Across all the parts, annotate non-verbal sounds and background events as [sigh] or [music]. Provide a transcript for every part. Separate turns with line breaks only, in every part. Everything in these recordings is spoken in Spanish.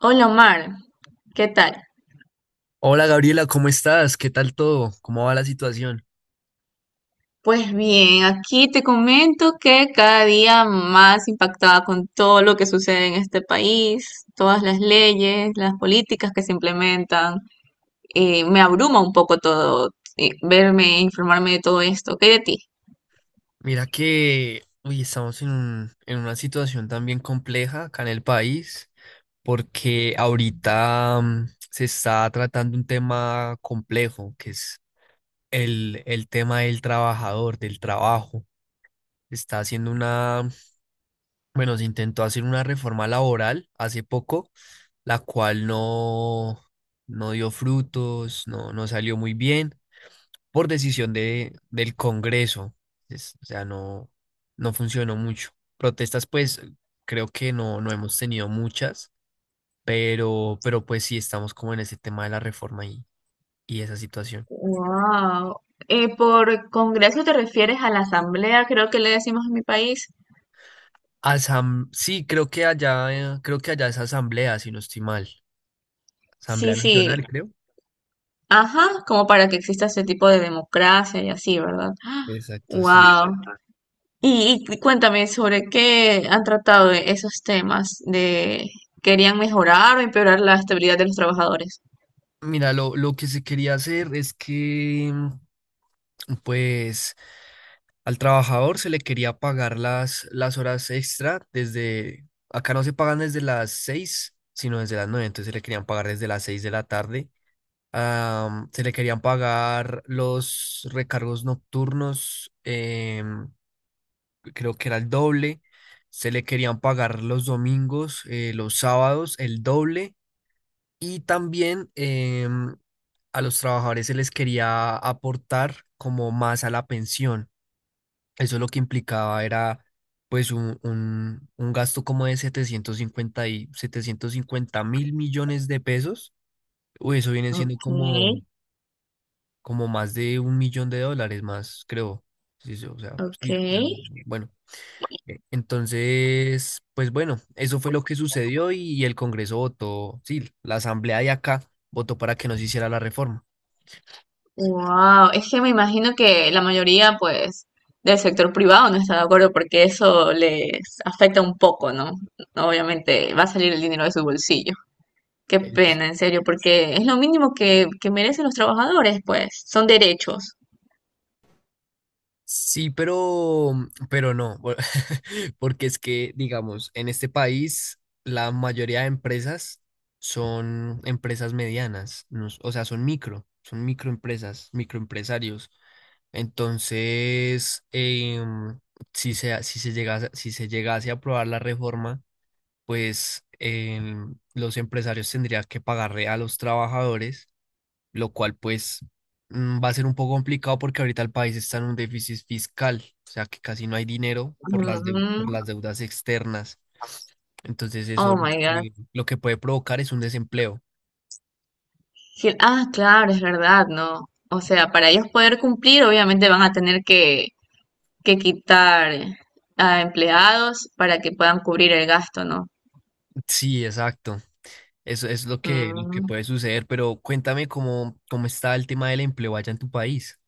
Hola Omar, ¿qué tal?
Hola Gabriela, ¿cómo estás? ¿Qué tal todo? ¿Cómo va la situación?
Pues bien, aquí te comento que cada día más impactada con todo lo que sucede en este país, todas las leyes, las políticas que se implementan, me abruma un poco todo, verme, e informarme de todo esto. ¿Qué hay de ti?
Mira que, uy, estamos en una situación también compleja acá en el país, porque ahorita se está tratando un tema complejo, que es el tema del trabajador, del trabajo. Se Está haciendo una, Bueno, se intentó hacer una reforma laboral hace poco, la cual no dio frutos, no salió muy bien. Por decisión del Congreso. O sea, no funcionó mucho. Protestas, pues creo que no hemos tenido muchas, pero pues sí estamos como en ese tema de la reforma y esa situación.
Wow. Por Congreso te refieres a la Asamblea, creo que le decimos en mi país.
Asam Sí, creo que allá, es asamblea, si no estoy mal. Asamblea
Sí, sí,
Nacional, creo.
ajá, como para que exista ese tipo de democracia y así, ¿verdad?
Exacto, sí.
Wow. Y cuéntame sobre qué han tratado de esos temas de querían mejorar o empeorar la estabilidad de los trabajadores.
Mira, lo que se quería hacer es que, pues, al trabajador se le quería pagar las horas extra, acá no se pagan desde las 6, sino desde las 9, entonces se le querían pagar desde las 6 de la tarde. Se le querían pagar los recargos nocturnos, creo que era el doble. Se le querían pagar los domingos, los sábados, el doble. Y también, a los trabajadores se les quería aportar como más a la pensión. Eso lo que implicaba era pues un gasto como de 750 mil millones de pesos. Uy, eso viene siendo como,
Okay,
como más de un millón de dólares más, creo. Sí, sí, o sea, sí,
okay.
bueno. Entonces, pues bueno, eso fue lo que sucedió y el Congreso votó, sí, la Asamblea de acá votó para que no se hiciera la reforma.
Wow, es que me imagino que la mayoría, pues, del sector privado no está de acuerdo porque eso les afecta un poco, ¿no? Obviamente va a salir el dinero de su bolsillo. Qué
Eh,
pena, en serio, porque es lo mínimo que merecen los trabajadores, pues, son derechos.
Sí, pero, no, [laughs] porque es que, digamos, en este país la mayoría de empresas son empresas medianas, no s- o sea, son micro, son microempresas, microempresarios. Entonces, si se llegase a aprobar la reforma, pues los empresarios tendrían que pagarle a los trabajadores, lo cual pues va a ser un poco complicado porque ahorita el país está en un déficit fiscal, o sea que casi no hay dinero
Ujú.
por las deudas externas. Entonces eso
Oh
lo
my God.
que, lo que puede provocar es un desempleo.
Ah, claro, es verdad, ¿no? O sea, para ellos poder cumplir, obviamente van a tener que quitar a empleados para que puedan cubrir el gasto, ¿no?
Sí, exacto. Eso es lo que
Mm.
puede suceder, pero cuéntame cómo está el tema del empleo allá en tu país.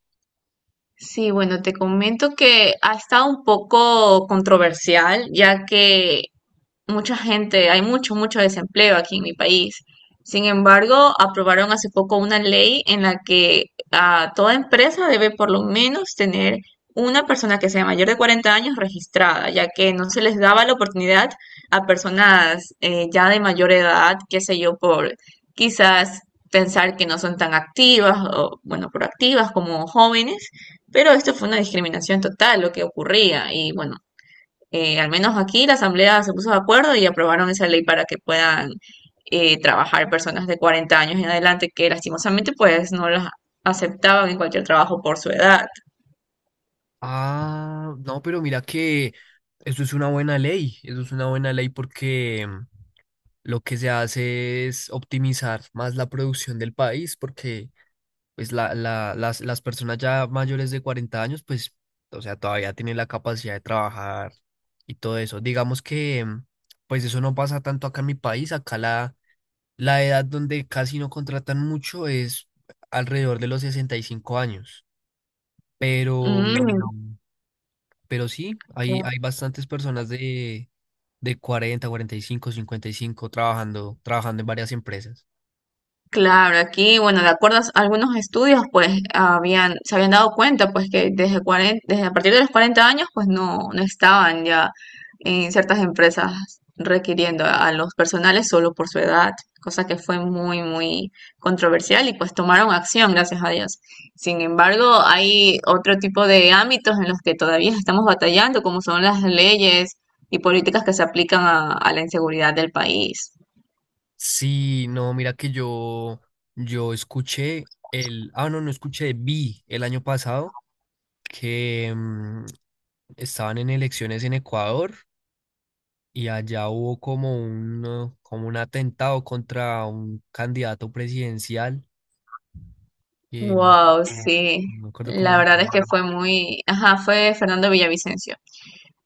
Sí, bueno, te comento que ha estado un poco controversial, ya que mucha gente, hay mucho, mucho desempleo aquí en mi país. Sin embargo, aprobaron hace poco una ley en la que toda empresa debe por lo menos tener una persona que sea mayor de 40 años registrada, ya que no se les daba la oportunidad a personas ya de mayor edad, qué sé yo, por quizás pensar que no son tan activas o, bueno, proactivas como jóvenes, pero esto fue una discriminación total lo que ocurría y, bueno, al menos aquí la Asamblea se puso de acuerdo y aprobaron esa ley para que puedan trabajar personas de 40 años en adelante que lastimosamente pues no las aceptaban en cualquier trabajo por su edad.
Ah, no, pero mira que eso es una buena ley, eso es una buena ley, porque lo que se hace es optimizar más la producción del país, porque pues las personas ya mayores de 40 años, pues, o sea, todavía tienen la capacidad de trabajar y todo eso. Digamos que, pues eso no pasa tanto acá en mi país, la edad donde casi no contratan mucho es alrededor de los 65 años, pero,
Mm.
pero sí, hay bastantes personas de 40, 45, 55 trabajando, trabajando en varias empresas.
Claro, aquí, bueno, de acuerdo a algunos estudios, pues habían, se habían dado cuenta, pues que desde 40, desde a partir de los 40 años, pues no, no estaban ya en ciertas empresas requiriendo a los personales solo por su edad, cosa que fue muy, muy controversial y pues tomaron acción, gracias a Dios. Sin embargo, hay otro tipo de ámbitos en los que todavía estamos batallando, como son las leyes y políticas que se aplican a la inseguridad del país.
Sí, no, mira que yo escuché el, ah, no escuché, vi el año pasado que estaban en elecciones en Ecuador y allá hubo como un atentado contra un candidato presidencial, que no
Wow, sí.
no me acuerdo cómo
La
se
verdad es que
llama.
fue muy, ajá, fue Fernando Villavicencio.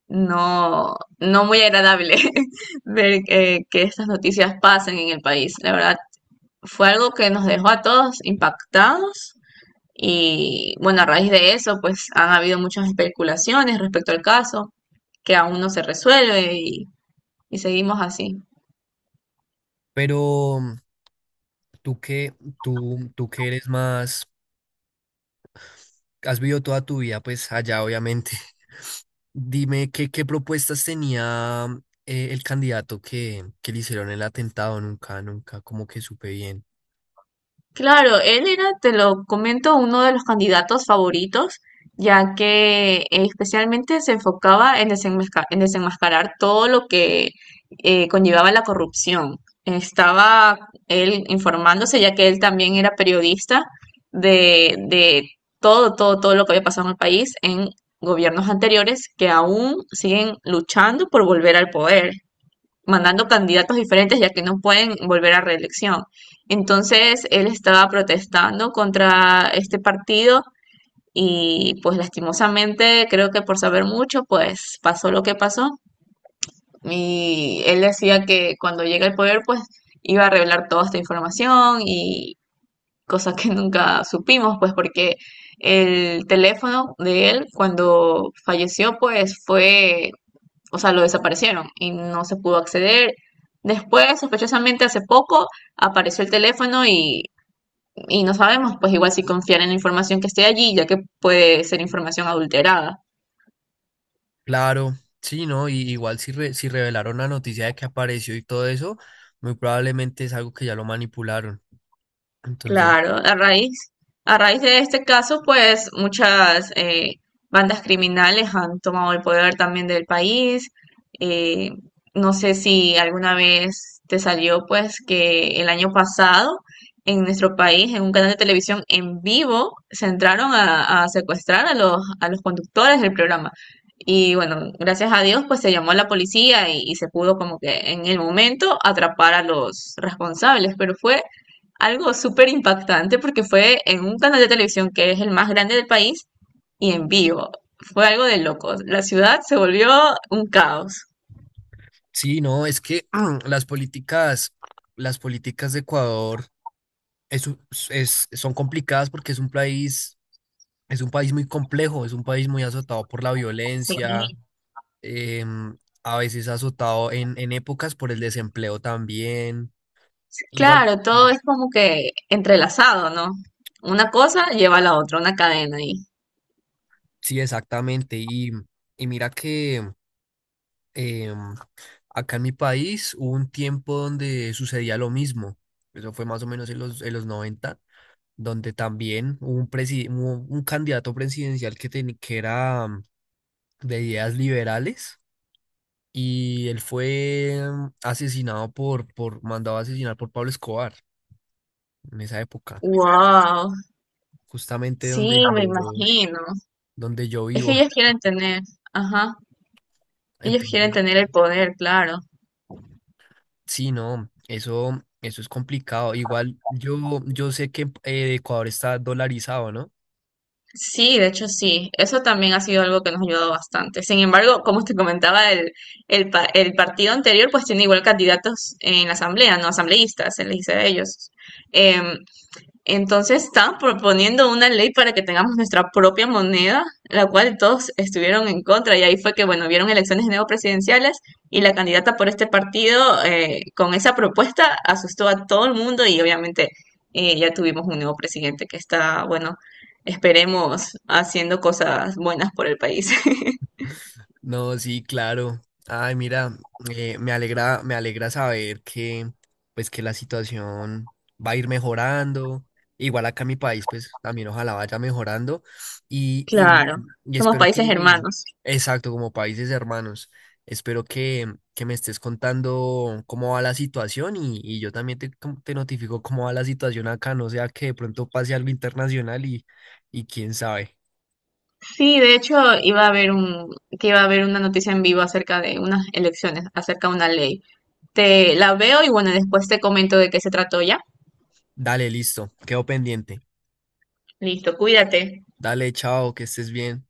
No, no muy agradable [laughs] ver que estas noticias pasen en el país. La verdad, fue algo que nos dejó a todos impactados y bueno, a raíz de eso, pues han habido muchas especulaciones respecto al caso que aún no se resuelve y seguimos así.
Pero tú que, tú que eres más, has vivido toda tu vida, pues allá obviamente. Dime qué propuestas tenía, el candidato que le hicieron el atentado. Nunca, nunca, como que supe bien.
Claro, él era, te lo comento, uno de los candidatos favoritos, ya que especialmente se enfocaba en en desenmascarar todo lo que conllevaba la corrupción. Estaba él informándose, ya que él también era periodista de todo, todo, todo lo que había pasado en el país en gobiernos anteriores que aún siguen luchando por volver al poder mandando candidatos diferentes, ya que no pueden volver a reelección. Entonces, él estaba protestando contra este partido y pues lastimosamente, creo que por saber mucho, pues pasó lo que pasó. Y él decía que cuando llega al poder, pues iba a revelar toda esta información y cosa que [laughs] nunca supimos, pues porque el teléfono de él cuando falleció, pues fue o sea, lo desaparecieron y no se pudo acceder. Después, sospechosamente, hace poco apareció el teléfono y no sabemos, pues igual si confiar en la información que esté allí, ya que puede ser información adulterada.
Claro, sí, ¿no? Y igual, si revelaron la noticia de que apareció y todo eso, muy probablemente es algo que ya lo manipularon. Entonces,
Claro, a raíz de este caso, pues muchas bandas criminales han tomado el poder también del país. Eh, no sé si alguna vez te salió, pues, que el año pasado en nuestro país, en un canal de televisión en vivo, se entraron a secuestrar a los conductores del programa. Y bueno, gracias a Dios, pues se llamó a la policía y se pudo como que en el momento atrapar a los responsables, pero fue algo súper impactante porque fue en un canal de televisión que es el más grande del país y en vivo. Fue algo de locos. La ciudad se volvió un caos.
sí, no, es que [clears throat] las políticas, las políticas de Ecuador es, un- son complicadas porque es un país muy complejo, es un país muy azotado por la
Sí.
violencia, a veces azotado en épocas por el desempleo también. Igual,
Claro, todo es como que entrelazado, ¿no? Una cosa lleva a la otra, una cadena ahí.
sí, exactamente. Y mira que, em, acá en mi país hubo un tiempo donde sucedía lo mismo. Eso fue más o menos en los noventa, donde también hubo un candidato presidencial que era, de ideas liberales. Y él fue, asesinado mandado a asesinar por Pablo Escobar en esa época.
Wow,
Justamente donde
sí, me
yo,
imagino. Es que
vivo.
ellos quieren tener, ajá, ellos quieren
Entonces,
tener el poder, claro.
sí, no, eso es complicado. Igual yo sé que, Ecuador está dolarizado, ¿no?
Sí, de hecho sí, eso también ha sido algo que nos ha ayudado bastante. Sin embargo, como te comentaba, el partido anterior pues tiene igual candidatos en la asamblea, no asambleístas, se les dice a ellos. Em, entonces están proponiendo una ley para que tengamos nuestra propia moneda, la cual todos estuvieron en contra. Y ahí fue que, bueno, vieron elecciones de nuevo presidenciales y la candidata por este partido con esa propuesta asustó a todo el mundo y obviamente ya tuvimos un nuevo presidente que está, bueno, esperemos haciendo cosas buenas por el país. [laughs]
No, sí, claro. Ay, mira, me alegra saber que, pues, que la situación va a ir mejorando. Igual acá en mi país, pues, también ojalá vaya mejorando. Y, y,
Claro,
y
somos países hermanos.
exacto, como países hermanos, espero que me estés contando cómo va la situación, y yo también te notifico cómo va la situación acá, no sea que de pronto pase algo internacional y quién sabe.
Sí, de hecho iba a haber un, que iba a haber una noticia en vivo acerca de unas elecciones, acerca de una ley. Te la veo y bueno, después te comento de qué se trató ya.
Dale, listo, quedo pendiente.
Listo, cuídate.
Dale, chao, que estés bien.